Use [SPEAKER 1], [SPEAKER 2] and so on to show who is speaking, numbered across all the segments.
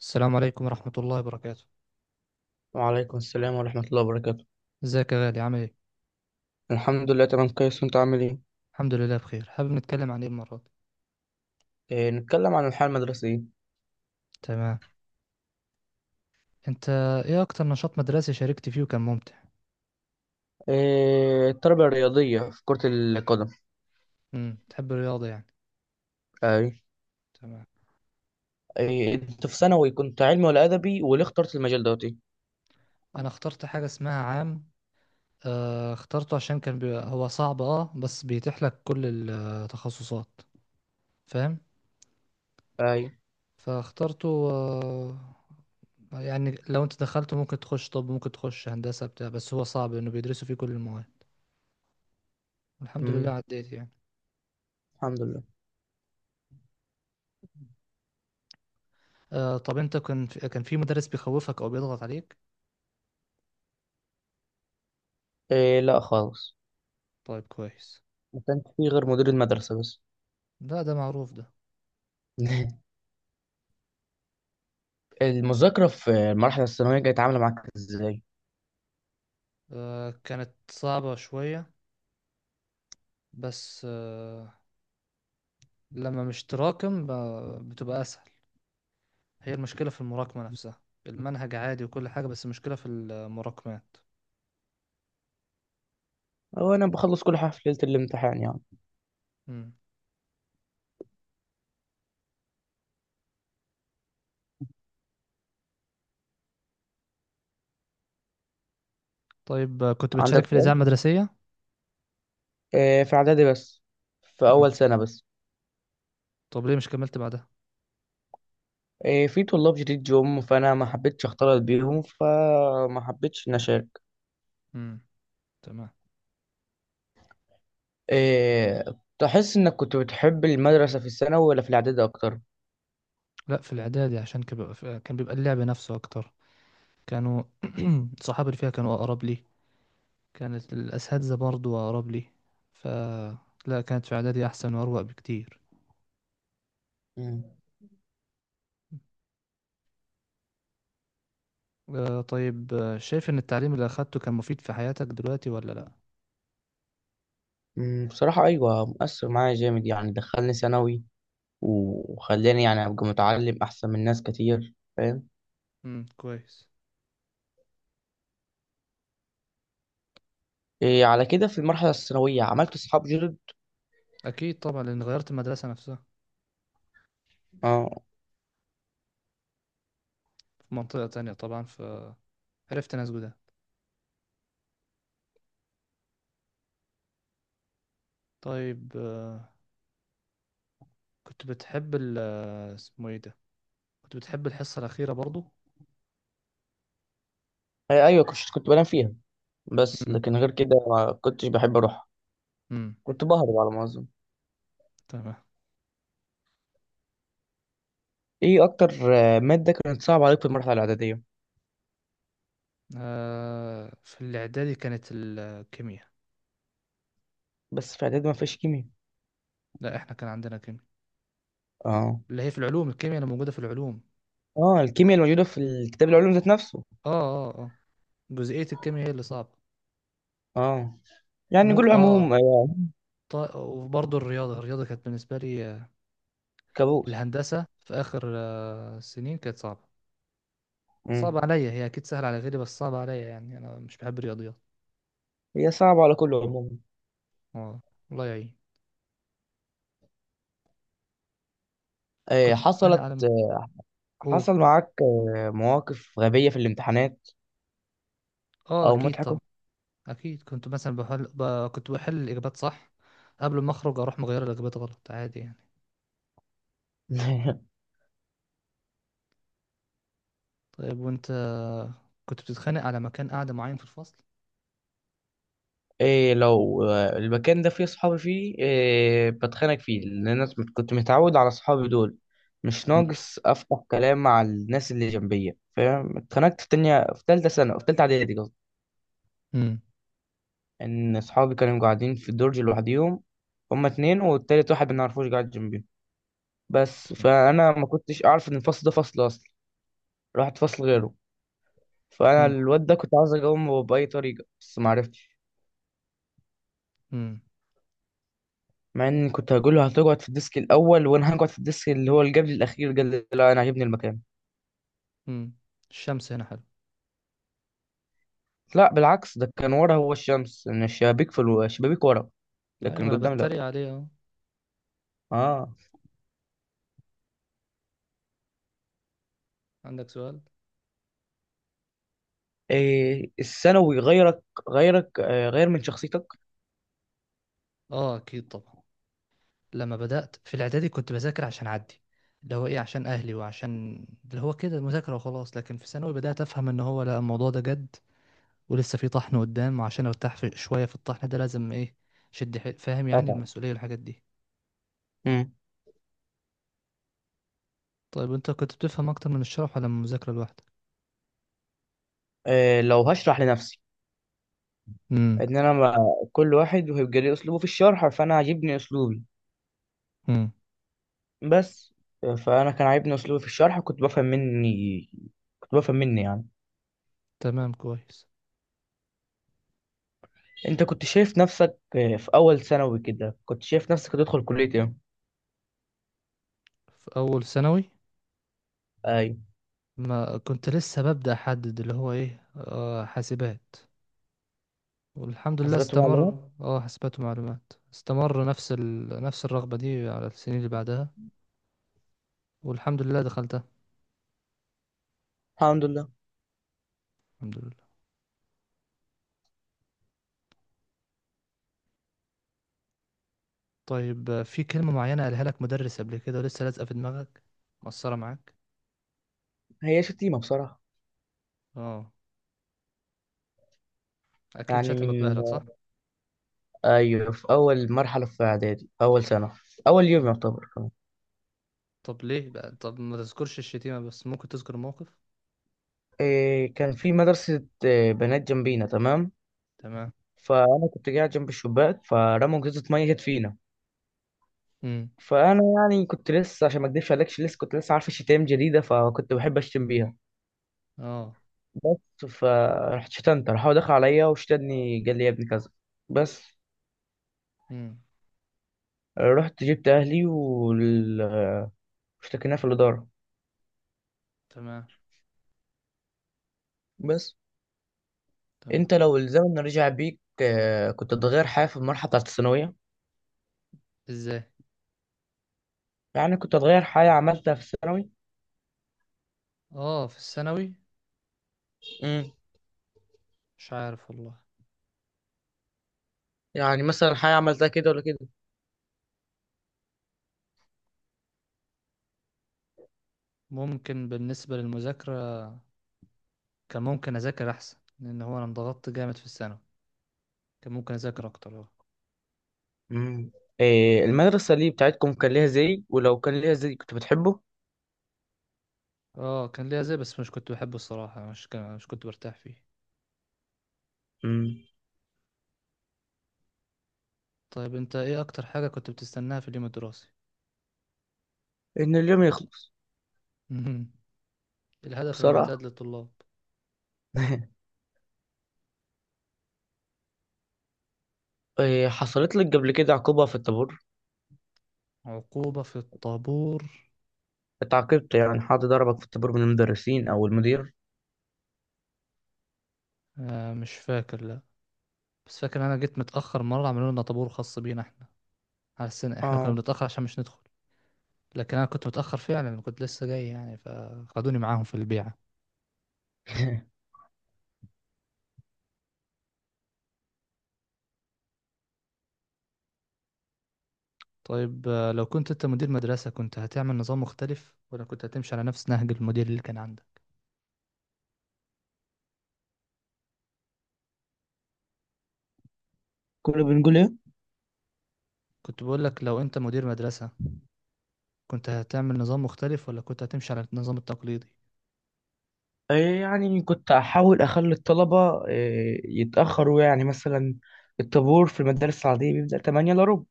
[SPEAKER 1] السلام عليكم ورحمة الله وبركاته.
[SPEAKER 2] وعليكم السلام ورحمة الله وبركاته.
[SPEAKER 1] ازيك يا غالي، عامل ايه؟
[SPEAKER 2] الحمد لله تمام كويس، وانت عامل ايه؟
[SPEAKER 1] الحمد لله بخير، حابب نتكلم عن ايه المرة دي؟
[SPEAKER 2] نتكلم عن الحياة المدرسية.
[SPEAKER 1] تمام. انت ايه اكتر نشاط مدرسي شاركت فيه وكان ممتع؟
[SPEAKER 2] التربية الرياضية في كرة القدم.
[SPEAKER 1] تحب الرياضة يعني.
[SPEAKER 2] اي.
[SPEAKER 1] تمام.
[SPEAKER 2] انت في ثانوي كنت علمي ولا أدبي، وليه اخترت المجال دوت ايه؟
[SPEAKER 1] انا اخترت حاجة اسمها عام. آه اخترته عشان هو صعب اه بس بيتيح لك كل التخصصات. فاهم؟
[SPEAKER 2] اي.
[SPEAKER 1] فاخترته. يعني لو انت دخلته ممكن تخش طب، ممكن تخش هندسة بتاع، بس هو صعب انه بيدرسوا فيه كل المواد. الحمد لله
[SPEAKER 2] مم.
[SPEAKER 1] عديت يعني.
[SPEAKER 2] الحمد لله.
[SPEAKER 1] آه، طب انت كان في مدرس بيخوفك او بيضغط عليك؟
[SPEAKER 2] لا خالص.
[SPEAKER 1] طيب كويس.
[SPEAKER 2] ما كانش فيه غير مدير المدرسة بس.
[SPEAKER 1] ده معروف ده.
[SPEAKER 2] المذاكرة في المرحلة الثانوية كانت عاملة معاك ازاي؟
[SPEAKER 1] آه كانت صعبة شوية، بس، لما مش تراكم بتبقى اسهل. هي المشكلة في المراكمة نفسها. المنهج عادي وكل حاجة، بس المشكلة في المراكمات.
[SPEAKER 2] هو انا بخلص كل حاجة في ليلة الامتحان يعني.
[SPEAKER 1] مم. طيب، كنت
[SPEAKER 2] عندك
[SPEAKER 1] بتشارك في
[SPEAKER 2] سؤال؟
[SPEAKER 1] الإذاعة المدرسية؟
[SPEAKER 2] في إعدادي بس، في
[SPEAKER 1] مم.
[SPEAKER 2] أول سنة بس.
[SPEAKER 1] طب ليه مش كملت بعدها؟
[SPEAKER 2] إيه، في طلاب جديد جم فانا ما حبيتش اختلط بيهم، فما حبيتش ان اشارك.
[SPEAKER 1] مم. تمام.
[SPEAKER 2] إيه، تحس انك كنت بتحب المدرسة في الثانوي ولا في الاعدادي اكتر؟
[SPEAKER 1] لا، في الإعدادي عشان كان بيبقى اللعب نفسه أكتر. كانوا صحابي اللي فيها كانوا أقرب لي. كانت الأساتذة برضو أقرب لي. ف لا كانت في إعدادي أحسن وأروق بكتير.
[SPEAKER 2] مم.
[SPEAKER 1] آه، طيب، شايف إن التعليم اللي أخدته كان مفيد في حياتك دلوقتي ولا لأ؟
[SPEAKER 2] مم، بصراحة ايوه مؤثر معايا جامد، يعني دخلني ثانوي وخلاني يعني ابقى متعلم احسن من ناس كتير فاهم.
[SPEAKER 1] كويس.
[SPEAKER 2] إيه، على كده في المرحلة الثانوية عملت اصحاب جدد.
[SPEAKER 1] أكيد طبعا، لأن غيرت المدرسة نفسها.
[SPEAKER 2] اه.
[SPEAKER 1] في منطقة تانية طبعا فعرفت ناس جداد. طيب، كنت بتحب ال آه، اسمه إيه ده؟ كنت بتحب الحصة الأخيرة برضو؟
[SPEAKER 2] إيه، ايوه كنت بنام فيها، بس
[SPEAKER 1] امم.
[SPEAKER 2] لكن غير كده ما كنتش بحب اروح.
[SPEAKER 1] امم.
[SPEAKER 2] كنت بهرب على ما اظن.
[SPEAKER 1] تمام.
[SPEAKER 2] ايه اكتر مادة كانت صعبة عليك في المرحلة الاعدادية؟
[SPEAKER 1] آه، في الإعدادي كانت الكيمياء.
[SPEAKER 2] بس في اعدادي ما فيهاش كيمياء.
[SPEAKER 1] لا، إحنا كان عندنا كيمياء.
[SPEAKER 2] اه.
[SPEAKER 1] اللي هي في العلوم، الكيمياء اللي موجودة في العلوم.
[SPEAKER 2] اه الكيمياء الموجوده في الكتاب العلوم ذات نفسه.
[SPEAKER 1] اه اه اه. جزئية الكيمياء هي اللي صعبة.
[SPEAKER 2] اه. يعني
[SPEAKER 1] وممكن
[SPEAKER 2] كل عموم.
[SPEAKER 1] اه. طيب، وبرضه الرياضة كانت بالنسبة لي،
[SPEAKER 2] كابوس.
[SPEAKER 1] الهندسة في آخر السنين كانت صعبة.
[SPEAKER 2] مم.
[SPEAKER 1] صعبة عليا، هي أكيد سهلة على غيري، بس صعبة عليا يعني أنا مش بحب الرياضيات.
[SPEAKER 2] هي صعبه على كل عموم.
[SPEAKER 1] اه. الله يعين.
[SPEAKER 2] آه،
[SPEAKER 1] كنت بتخانق
[SPEAKER 2] حصلت
[SPEAKER 1] على ما
[SPEAKER 2] آه، حصل
[SPEAKER 1] أقول.
[SPEAKER 2] معاك مواقف غبيه في الامتحانات
[SPEAKER 1] اه،
[SPEAKER 2] او
[SPEAKER 1] أكيد
[SPEAKER 2] مضحكه.
[SPEAKER 1] طبعا. أكيد كنت مثلا كنت بحل الإجابات صح، قبل ما أخرج أروح مغير الإجابات غلط عادي يعني. طيب، وأنت، كنت بتتخانق على مكان قاعدة معين في الفصل؟
[SPEAKER 2] إيه، لو المكان ده فيه صحابي فيه، إيه بتخانق فيه، لأن أنا كنت متعود على صحابي دول. مش
[SPEAKER 1] امم.
[SPEAKER 2] ناقص أفتح كلام مع الناس اللي جنبية فاهم. اتخانقت في تانية، في تالتة سنة، في تالتة إعدادي قصدي،
[SPEAKER 1] امم.
[SPEAKER 2] ان اصحابي كانوا قاعدين في الدرج لوحديهم. هما اتنين والتالت واحد ما نعرفوش قاعد جنبي بس.
[SPEAKER 1] تمام.
[SPEAKER 2] فانا ما كنتش اعرف ان الفصل ده فصل اصلا، رحت فصل غيره. فانا الواد ده كنت عاوز اقومه باي طريقه بس ما عرفتش.
[SPEAKER 1] امم.
[SPEAKER 2] مع ان كنت هقول له هتقعد في الديسك الاول، وانا هقعد في الديسك اللي هو اللي قبل الاخير. قال لي لا انا عاجبني المكان.
[SPEAKER 1] امم. الشمس هنا حلو.
[SPEAKER 2] لا بالعكس، ده كان ورا هو الشمس، ان الشبابيك الشبابيك ورا،
[SPEAKER 1] ايوه،
[SPEAKER 2] لكن
[SPEAKER 1] ما انا
[SPEAKER 2] قدام لا.
[SPEAKER 1] بتريق عليه اهو.
[SPEAKER 2] اه.
[SPEAKER 1] عندك سؤال؟
[SPEAKER 2] إيه الثانوي غير من شخصيتك؟
[SPEAKER 1] اه، اكيد طبعا. لما بدأت في الاعدادي كنت بذاكر عشان اعدي، اللي هو ايه عشان اهلي وعشان اللي هو كده مذاكرة وخلاص، لكن في ثانوي بدأت افهم ان هو لا، الموضوع ده جد. ولسه في طحن قدام، وعشان ارتاح في شوية في الطحن ده لازم ايه، فاهم يعني المسؤولية والحاجات دي.
[SPEAKER 2] أبعد.
[SPEAKER 1] طيب، انت كنت بتفهم اكتر من الشرح ولا من المذاكرة لوحدك؟
[SPEAKER 2] لو هشرح لنفسي،
[SPEAKER 1] امم.
[SPEAKER 2] ان انا ما- كل واحد وهيبقى ليه اسلوبه في الشرح، فانا عاجبني اسلوبي
[SPEAKER 1] امم.
[SPEAKER 2] بس. فانا كان عاجبني اسلوبي في الشرح، كنت بفهم مني يعني.
[SPEAKER 1] تمام كويس.
[SPEAKER 2] انت كنت شايف نفسك في اول ثانوي كده، كنت شايف نفسك هتدخل كلية ايه؟
[SPEAKER 1] في اول ثانوي
[SPEAKER 2] ايوه
[SPEAKER 1] ما كنت لسه ببدأ احدد اللي هو ايه، حاسبات. والحمد لله
[SPEAKER 2] حاسبات ومعلومات.
[SPEAKER 1] استمر، حاسبات ومعلومات، استمر نفس نفس الرغبة دي على السنين اللي بعدها. والحمد لله دخلتها.
[SPEAKER 2] الحمد لله.
[SPEAKER 1] الحمد لله. طيب، في كلمة معينة قالها لك مدرس قبل كده ولسه لازقة في دماغك؟ مقصرة معاك؟
[SPEAKER 2] هي شتيمة بصراحة.
[SPEAKER 1] اه، اكيد
[SPEAKER 2] يعني
[SPEAKER 1] شتمك
[SPEAKER 2] من،
[SPEAKER 1] بأهلك صح؟
[SPEAKER 2] ايوه في اول مرحلة في اعدادي، اول سنة، اول يوم
[SPEAKER 1] مم.
[SPEAKER 2] يعتبر كمان.
[SPEAKER 1] طب ليه بقى طب ما تذكرش الشتيمة، بس ممكن تذكر موقف.
[SPEAKER 2] كان في مدرسة بنات جنبينا تمام،
[SPEAKER 1] تمام.
[SPEAKER 2] فانا كنت قاعد جنب الشباك، فرموا جزء ميه جت فينا.
[SPEAKER 1] امم.
[SPEAKER 2] فانا يعني كنت لسه، عشان ما اكدبش عليكش لسه كنت لسه عارف شتايم جديده، فكنت بحب اشتم بيها
[SPEAKER 1] اه.
[SPEAKER 2] بس. فرحت شتمت، راح هو دخل عليا وشتمني، قال لي يا ابني كذا بس.
[SPEAKER 1] امم.
[SPEAKER 2] رحت جبت اهلي واشتكيناه في الاداره
[SPEAKER 1] تمام.
[SPEAKER 2] بس.
[SPEAKER 1] تمام.
[SPEAKER 2] انت لو الزمن رجع بيك كنت تغير حاجه في المرحله بتاعت الثانويه؟
[SPEAKER 1] ازاي؟
[SPEAKER 2] يعني كنت تغير حاجه عملتها في الثانوي.
[SPEAKER 1] اه، في الثانوي.
[SPEAKER 2] امم.
[SPEAKER 1] مش عارف والله.
[SPEAKER 2] يعني مثلا حاجه عملتها كده ولا كده.
[SPEAKER 1] ممكن بالنسبة للمذاكرة. كان ممكن اذاكر احسن، لان هو انا انضغطت جامد في الثانوي. كان ممكن اذاكر اكتر اه.
[SPEAKER 2] امم. إيه المدرسة اللي بتاعتكم كان ليها زي، ولو كان ليها زي كنت بتحبه؟
[SPEAKER 1] اه، كان ليا زي بس مش كنت بحبه الصراحه، مش كنت برتاح فيه.
[SPEAKER 2] امم.
[SPEAKER 1] طيب، انت ايه اكتر حاجه كنت بتستناها في اليوم الدراسي؟
[SPEAKER 2] إن اليوم يخلص.
[SPEAKER 1] مهم. الهدف
[SPEAKER 2] بصراحة.
[SPEAKER 1] المعتاد للطلاب.
[SPEAKER 2] إيه حصلت لك قبل كده عقوبة في الطابور؟
[SPEAKER 1] عقوبه في الطابور؟
[SPEAKER 2] اتعاقبت يعني، حد ضربك في الطابور من المدرسين أو المدير؟
[SPEAKER 1] آه، مش فاكر لا. بس فاكر انا جيت متاخر مره، عملوا لنا طابور خاص بينا احنا، على السنه احنا كنا
[SPEAKER 2] اه.
[SPEAKER 1] بنتاخر عشان مش ندخل. لكن انا كنت متاخر فعلا، كنت لسه جاي يعني فخدوني معاهم في البيعه. طيب، لو كنت انت مدير مدرسة كنت هتعمل نظام مختلف ولا كنت هتمشي على نفس نهج المدير اللي كان عندك؟
[SPEAKER 2] كنا بنقول ايه؟
[SPEAKER 1] كنت بقول لك، لو انت مدير مدرسة كنت هتعمل نظام مختلف ولا كنت هتمشي على النظام التقليدي؟
[SPEAKER 2] إيه يعني كنت احاول اخلي الطلبه إيه يتاخروا، يعني مثلا الطابور في المدارس العاديه بيبدا 8 الا ربع،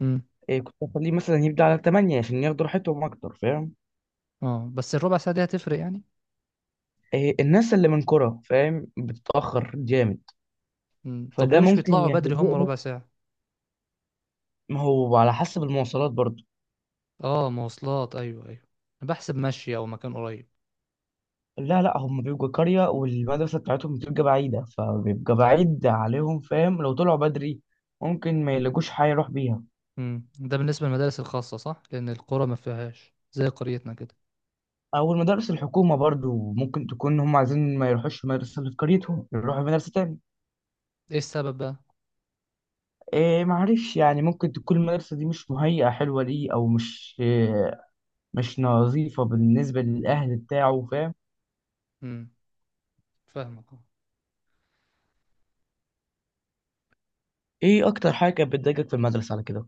[SPEAKER 1] امم.
[SPEAKER 2] إيه كنت اخليه مثلا يبدا على 8 عشان ياخدوا راحتهم اكتر فاهم.
[SPEAKER 1] اه، بس الربع ساعة دي هتفرق يعني.
[SPEAKER 2] إيه الناس اللي من كرة فاهم بتتاخر جامد،
[SPEAKER 1] مم. طب
[SPEAKER 2] فده
[SPEAKER 1] ليه مش
[SPEAKER 2] ممكن
[SPEAKER 1] بيطلعوا بدري هم
[SPEAKER 2] يهيئني.
[SPEAKER 1] ربع ساعة؟
[SPEAKER 2] ما هو على حسب المواصلات برضه.
[SPEAKER 1] اه، مواصلات، ايوه ايوه. انا بحسب مشي او مكان قريب.
[SPEAKER 2] لا لا، هم بيبقوا قرية والمدرسة بتاعتهم بتبقى بعيدة، فبيبقى بعيد عليهم فاهم. لو طلعوا بدري ممكن ما يلاقوش حاجة يروح بيها.
[SPEAKER 1] ده بالنسبة للمدارس الخاصة صح، لان القرى ما فيهاش زي قريتنا كده.
[SPEAKER 2] أو المدارس الحكومة برضو ممكن تكون هم عايزين ما يروحوش المدرسة اللي في قريتهم، يروحوا مدرسة تاني.
[SPEAKER 1] ايه السبب بقى؟
[SPEAKER 2] إيه معرفش يعني، ممكن تكون المدرسة دي مش مهيئة حلوة ليه، أو مش إيه، مش نظيفة بالنسبة للأهل بتاعه فاهم.
[SPEAKER 1] امم. فاهمك.
[SPEAKER 2] إيه أكتر حاجة كانت بتضايقك في المدرسة على كده؟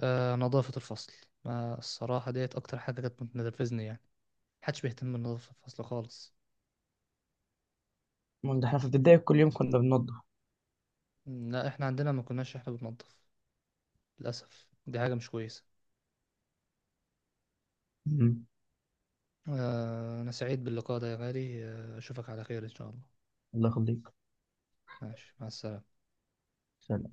[SPEAKER 1] آه، نظافة الفصل. ما الصراحة ديت أكتر حاجة كانت بتنرفزني يعني. محدش بيهتم بنظافة الفصل خالص.
[SPEAKER 2] ما ده إحنا في ابتدائي كل يوم كنا
[SPEAKER 1] لا، إحنا عندنا ما كناش إحنا بننظف. للأسف دي حاجة مش كويسة.
[SPEAKER 2] بننضف.
[SPEAKER 1] آه، أنا سعيد باللقاء ده يا غالي، أشوفك على خير إن شاء الله.
[SPEAKER 2] الله يخليك.
[SPEAKER 1] ماشي، مع السلامة.
[SPEAKER 2] سلام.